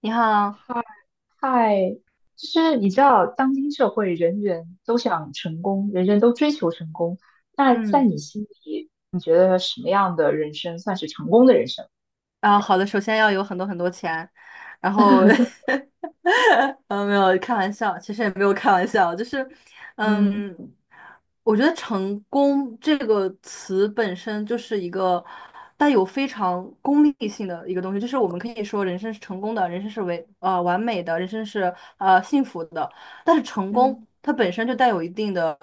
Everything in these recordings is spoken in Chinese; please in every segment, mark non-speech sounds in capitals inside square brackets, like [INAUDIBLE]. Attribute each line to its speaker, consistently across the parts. Speaker 1: 你好。
Speaker 2: 嗨，就是你知道，当今社会人人都想成功，人人都追求成功。那在
Speaker 1: 嗯，
Speaker 2: 你心里，你觉得什么样的人生算是成功的人生？
Speaker 1: 好的，首先要有很多很多钱，然后，
Speaker 2: [LAUGHS]
Speaker 1: [LAUGHS] 没有开玩笑，其实也没有开玩笑，就是，
Speaker 2: 嗯
Speaker 1: 嗯，我觉得成功这个词本身就是一个带有非常功利性的一个东西，就是我们可以说人生是成功的，人生是完美的，人生是幸福的，但是成功
Speaker 2: 嗯
Speaker 1: 它本身就带有一定的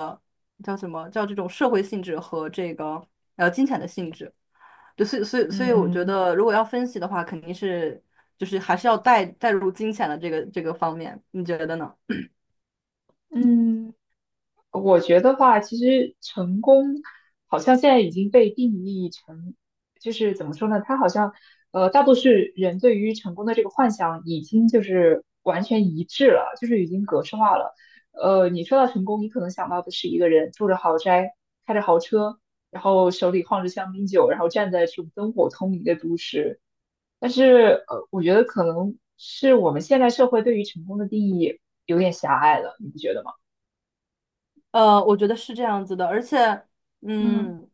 Speaker 1: 叫什么叫这种社会性质和这个金钱的性质。对，所以，我觉
Speaker 2: 嗯
Speaker 1: 得如果要分析的话，肯定是就是还是要带入金钱的这个方面，你觉得呢？
Speaker 2: 嗯，我觉得话，其实成功好像现在已经被定义成，就是怎么说呢？它好像，大多数人对于成功的这个幻想已经就是完全一致了，就是已经格式化了。你说到成功，你可能想到的是一个人住着豪宅，开着豪车，然后手里晃着香槟酒，然后站在这种灯火通明的都市。但是，我觉得可能是我们现代社会对于成功的定义有点狭隘了，你不觉得吗？
Speaker 1: 我觉得是这样子的，而且，
Speaker 2: 嗯
Speaker 1: 嗯，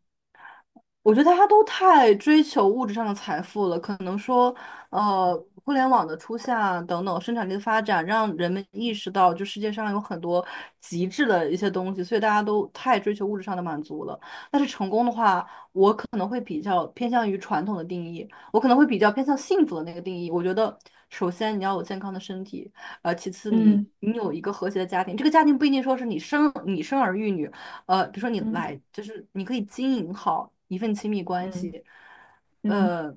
Speaker 1: 我觉得大家都太追求物质上的财富了，可能说，呃，互联网的出现啊等等，生产力的发展，让人们意识到，就世界上有很多极致的一些东西，所以大家都太追求物质上的满足了。但是成功的话，可能会比较偏向于传统的定义，我可能会比较偏向幸福的那个定义。我觉得，首先你要有健康的身体，其次你
Speaker 2: 嗯。
Speaker 1: 你有一个和谐的家庭，这个家庭不一定说是你生儿育女，比如说你
Speaker 2: 嗯
Speaker 1: 来就是你可以经营好一份亲密关
Speaker 2: 嗯
Speaker 1: 系，
Speaker 2: 嗯
Speaker 1: 呃，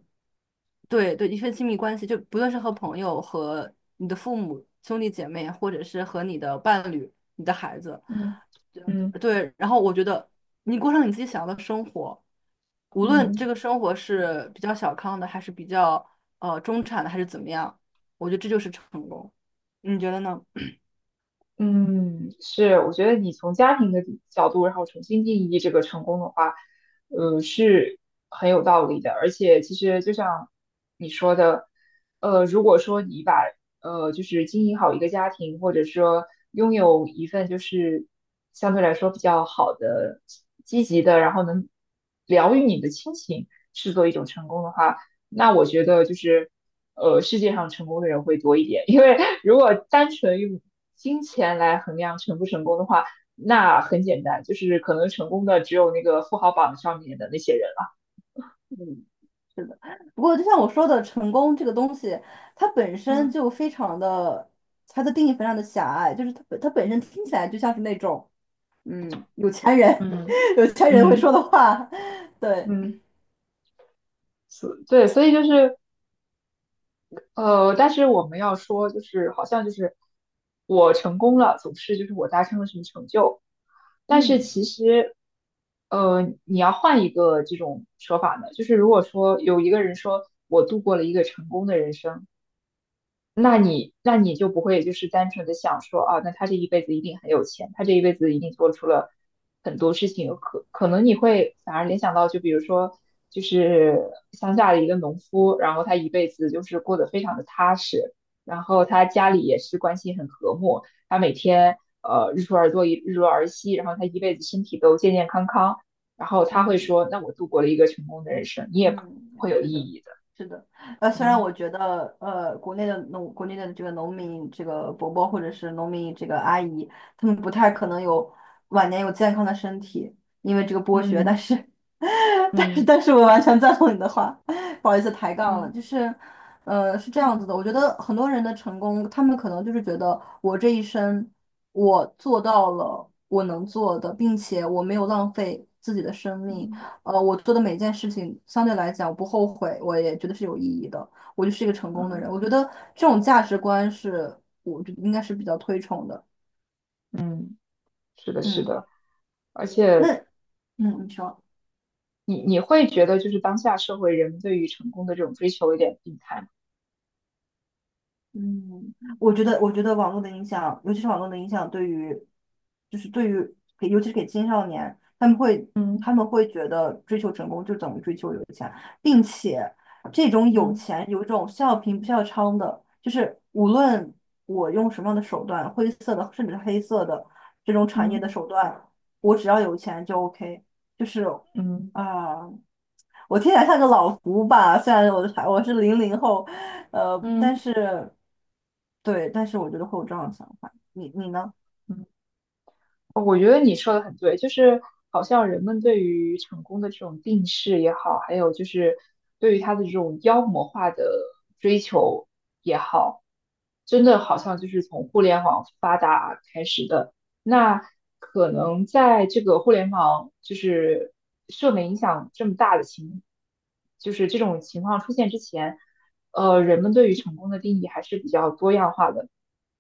Speaker 1: 对对，一份亲密关系，就不论是和朋友、和你的父母、兄弟姐妹，或者是和你的伴侣、你的孩子。
Speaker 2: 嗯嗯
Speaker 1: 对，然后我觉得你过上你自己想要的生活，无
Speaker 2: 嗯
Speaker 1: 论这个生活是比较小康的，还是比较中产的，还是怎么样，我觉得这就是成功。你觉得呢？
Speaker 2: 嗯，是，我觉得你从家庭的角度，然后重新定义这个成功的话，是很有道理的。而且，其实就像你说的，如果说你把就是经营好一个家庭，或者说拥有一份就是相对来说比较好的、积极的，然后能疗愈你的亲情，视作一种成功的话。那我觉得就是，世界上成功的人会多一点，因为如果单纯用金钱来衡量成不成功的话，那很简单，就是可能成功的只有那个富豪榜上面的那些人了。
Speaker 1: 嗯，是的。不过就像我说的，成功这个东西，它本身
Speaker 2: 嗯
Speaker 1: 就非常的，它的定义非常的狭隘，就是它本身听起来就像是那种，有钱人，
Speaker 2: 嗯
Speaker 1: [LAUGHS] 有钱人会
Speaker 2: 嗯
Speaker 1: 说的话，[LAUGHS] 对，
Speaker 2: 嗯，所对，所以就是但是我们要说，就是好像就是我成功了，总是就是我达成了什么成就，但是
Speaker 1: 嗯
Speaker 2: 其实，你要换一个这种说法呢，就是如果说有一个人说我度过了一个成功的人生，那你那你就不会就是单纯的想说啊，那他这一辈子一定很有钱，他这一辈子一定做出了很多事情，可能你会反而联想到，就比如说就是乡下的一个农夫，然后他一辈子就是过得非常的踏实，然后他家里也是关系很和睦，他每天日出而作，日落而息，然后他一辈子身体都健健康康，然后他会
Speaker 1: 嗯。
Speaker 2: 说，那我度过了一个成功的人生，你也不
Speaker 1: 嗯，
Speaker 2: 会有
Speaker 1: 是
Speaker 2: 意
Speaker 1: 的，
Speaker 2: 义的，
Speaker 1: 是的。虽然
Speaker 2: 嗯
Speaker 1: 我觉得，国内的这个农民，这个伯伯或者是农民这个阿姨，他们不太可能有晚年有健康的身体，因为这个剥削。但
Speaker 2: 嗯
Speaker 1: 是，[LAUGHS] 但是，
Speaker 2: 嗯
Speaker 1: 但是我完全赞同你的话，不好意思抬杠了。
Speaker 2: 嗯。
Speaker 1: 就是，是这样子的。我觉得很多人的成功，他们可能就是觉得我这一生我做到了我能做的，并且我没有浪费自己的生命。
Speaker 2: 嗯
Speaker 1: 我做的每件事情相对来讲我不后悔，我也觉得是有意义的，我就是一个成功的人。
Speaker 2: 嗯
Speaker 1: 我觉得这种价值观是我觉得应该是比较推崇的。
Speaker 2: 嗯，是的，是
Speaker 1: 嗯，
Speaker 2: 的，而且
Speaker 1: 那你说。
Speaker 2: 你会觉得就是当下社会人对于成功的这种追求有点病态吗？
Speaker 1: 嗯，我觉得网络的影响，尤其是网络的影响，对于，就是对于给，尤其是给青少年，他们会，
Speaker 2: 嗯
Speaker 1: 觉得追求成功就等于追求有钱，并且这种有
Speaker 2: 嗯
Speaker 1: 钱有一种笑贫不笑娼的，就是无论我用什么样的手段，灰色的甚至是黑色的这种产业的
Speaker 2: 嗯
Speaker 1: 手段，我只要有钱就 OK，就是
Speaker 2: 嗯
Speaker 1: 啊、我听起来像个老胡吧，虽然我是零零后，但
Speaker 2: 嗯
Speaker 1: 是对，但是我觉得会有这样的想法。你呢？
Speaker 2: 嗯。我觉得你说的很对，就是好像人们对于成功的这种定势也好，还有就是对于他的这种妖魔化的追求也好，真的好像就是从互联网发达开始的。那可能在这个互联网就是社会影响这么大的情，就是这种情况出现之前，人们对于成功的定义还是比较多样化的。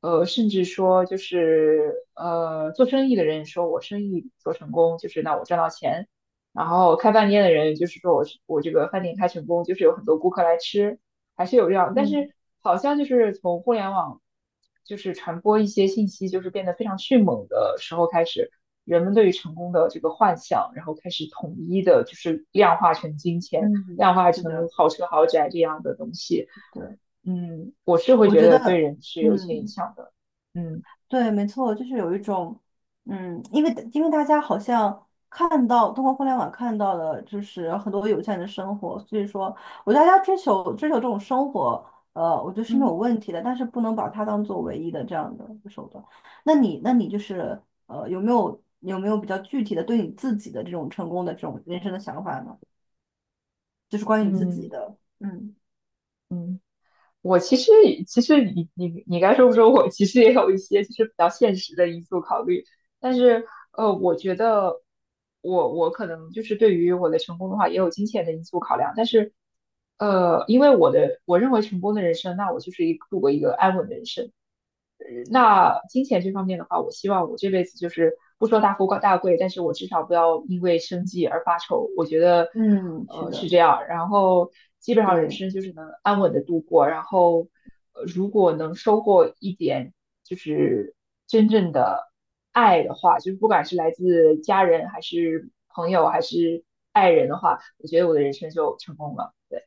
Speaker 2: 甚至说就是做生意的人说我生意做成功，就是那我赚到钱，然后开饭店的人就是说我这个饭店开成功，就是有很多顾客来吃，还是有这样，但
Speaker 1: 嗯
Speaker 2: 是好像就是从互联网就是传播一些信息，就是变得非常迅猛的时候开始，人们对于成功的这个幻想，然后开始统一的就是量化成金钱，
Speaker 1: 嗯，
Speaker 2: 量化
Speaker 1: 是
Speaker 2: 成
Speaker 1: 的，
Speaker 2: 豪车豪宅这样的东西。
Speaker 1: 对，
Speaker 2: 嗯，我是会
Speaker 1: 我
Speaker 2: 觉
Speaker 1: 觉
Speaker 2: 得对
Speaker 1: 得，
Speaker 2: 人是有一些影
Speaker 1: 嗯。
Speaker 2: 响的。嗯
Speaker 1: 对，没错，就是有一种，因为大家好像看到通过互联网看到了，就是很多有钱人的生活，所以说，我觉得大家追求这种生活，我觉得是没有
Speaker 2: 嗯
Speaker 1: 问题的，但是不能把它当做唯一的这样的一个手段。那你就是，有没有比较具体的对你自己的这种成功的这种人生的想法呢？就是关于你自己
Speaker 2: 嗯
Speaker 1: 的，嗯
Speaker 2: 嗯，我其实你该说不说我，其实也有一些就是比较现实的因素考虑，但是我觉得我可能就是对于我的成功的话，也有金钱的因素考量，但是因为我认为成功的人生，那我就是一度过一个安稳的人生。那金钱这方面的话，我希望我这辈子就是不说大富大贵，但是我至少不要因为生计而发愁。我觉得，
Speaker 1: 嗯，是
Speaker 2: 是
Speaker 1: 的，
Speaker 2: 这样。然后基本上人
Speaker 1: 对。
Speaker 2: 生就是能安稳的度过。然后，如果能收获一点就是真正的爱的话，就是不管是来自家人还是朋友还是爱人的话，我觉得我的人生就成功了。对，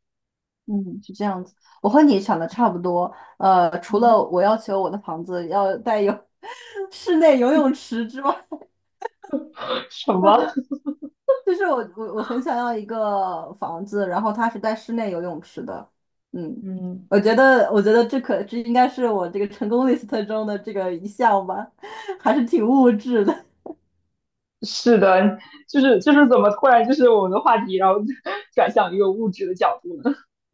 Speaker 1: 嗯，是这样子，我和你想的差不多。除了
Speaker 2: 嗯，
Speaker 1: 我要求我的房子要带有 [LAUGHS] 室内游泳池之外，
Speaker 2: 什
Speaker 1: [LAUGHS]
Speaker 2: 么？
Speaker 1: 就是我很想要一个房子，然后它是带室内游泳池的。嗯，
Speaker 2: 嗯，
Speaker 1: 我觉得这应该是我这个成功 list 中的这个一项吧，[LAUGHS] 还是挺物质的。
Speaker 2: 是的，就是怎么突然就是我们的话题，然后转向一个物质的角度呢？[LAUGHS]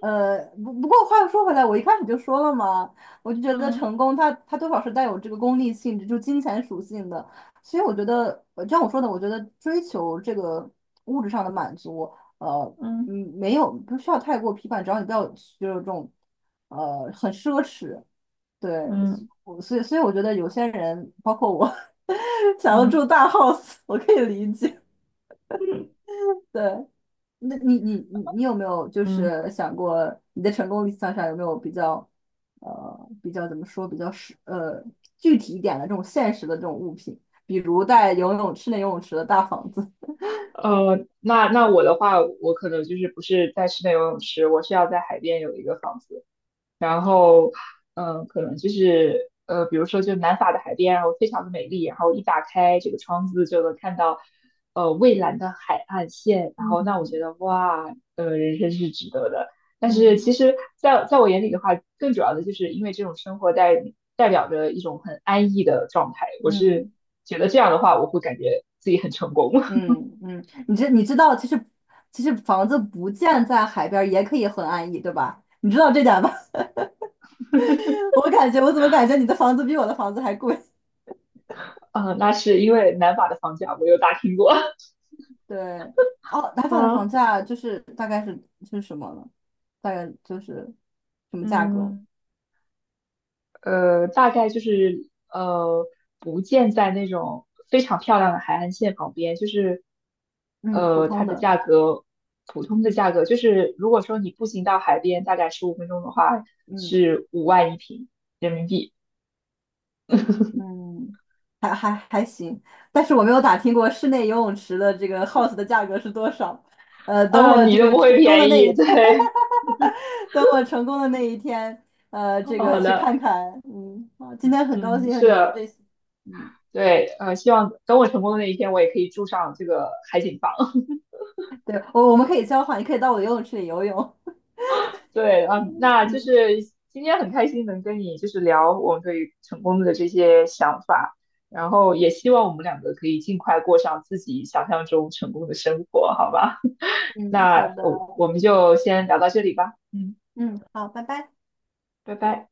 Speaker 1: 不过话又说回来，我一开始就说了嘛，我就觉得
Speaker 2: 嗯
Speaker 1: 成功它多少是带有这个功利性质，就金钱属性的。所以我觉得，就像我说的，我觉得追求这个物质上的满足，呃，
Speaker 2: 嗯
Speaker 1: 没有不需要太过批判，只要你不要就是这种，很奢侈。对，
Speaker 2: 嗯
Speaker 1: 所以我觉得有些人，包括我，[LAUGHS] 想要
Speaker 2: 嗯
Speaker 1: 住大 house，我可以理解。
Speaker 2: 嗯
Speaker 1: 对，那你有没有就
Speaker 2: [LAUGHS] 嗯
Speaker 1: 是想过你的成功理想上有没有比较比较怎么说比较具体一点的这种现实的这种物品，比如带室内游泳池的大房子。
Speaker 2: 那我的话，我可能就是不是在室内游泳池，我是要在海边有一个房子。然后，可能就是比如说就南法的海边，然后非常的美丽，然后一打开这个窗子就能看到蔚蓝的海岸线，然后那我觉得
Speaker 1: [LAUGHS]
Speaker 2: 哇，呃，人生是值得的。但是
Speaker 1: 嗯
Speaker 2: 其实在我眼里的话，更主要的就是因为这种生活代表着一种很安逸的状态，我是
Speaker 1: 嗯
Speaker 2: 觉得这样的话，我会感觉自己很成功。[LAUGHS]
Speaker 1: 嗯嗯，你知道其实房子不建在海边儿也可以很安逸，对吧？你知道这点吧？[LAUGHS] 我感觉我怎么感觉你的房子比我的房子还贵？
Speaker 2: 那是因为南法的房价我有打听过。
Speaker 1: 对，哦，打
Speaker 2: [LAUGHS]
Speaker 1: 法的房
Speaker 2: 嗯。
Speaker 1: 价就是大概是什么呢？大概就是什么价格？
Speaker 2: 嗯。大概就是不建在那种非常漂亮的海岸线旁边，就是
Speaker 1: 嗯，普
Speaker 2: 它
Speaker 1: 通
Speaker 2: 的
Speaker 1: 的。
Speaker 2: 价格普通的价格，就是如果说你步行到海边，大概15分钟的话，
Speaker 1: 嗯
Speaker 2: 是5万一平人民币。
Speaker 1: 嗯，还行，但是我没有打听过室内游泳池的这个 house 的价格是多少。等
Speaker 2: 啊
Speaker 1: 我这
Speaker 2: 你都
Speaker 1: 个
Speaker 2: 不
Speaker 1: 成
Speaker 2: 会
Speaker 1: 功的
Speaker 2: 便
Speaker 1: 那
Speaker 2: 宜。
Speaker 1: 一天，
Speaker 2: 对，
Speaker 1: [LAUGHS] 等我成功的那一天，
Speaker 2: [LAUGHS]
Speaker 1: 这
Speaker 2: 好
Speaker 1: 个去
Speaker 2: 的，
Speaker 1: 看看。嗯，好，今天很高
Speaker 2: 嗯，
Speaker 1: 兴和
Speaker 2: 是
Speaker 1: 你聊
Speaker 2: 的。
Speaker 1: 这些。嗯，
Speaker 2: 对，希望等我成功的那一天，我也可以住上这个海景房。
Speaker 1: 对，我们可以交换，你可以到我的游泳池里游泳。
Speaker 2: 对，嗯，
Speaker 1: [LAUGHS]
Speaker 2: 那
Speaker 1: 嗯
Speaker 2: 就是今天很开心能跟你就是聊我们对于成功的这些想法，然后也希望我们两个可以尽快过上自己想象中成功的生活，好吧？[LAUGHS]
Speaker 1: 嗯，
Speaker 2: 那
Speaker 1: 好的，
Speaker 2: 我们就先聊到这里吧，嗯，
Speaker 1: 嗯，好，拜拜。
Speaker 2: 拜拜。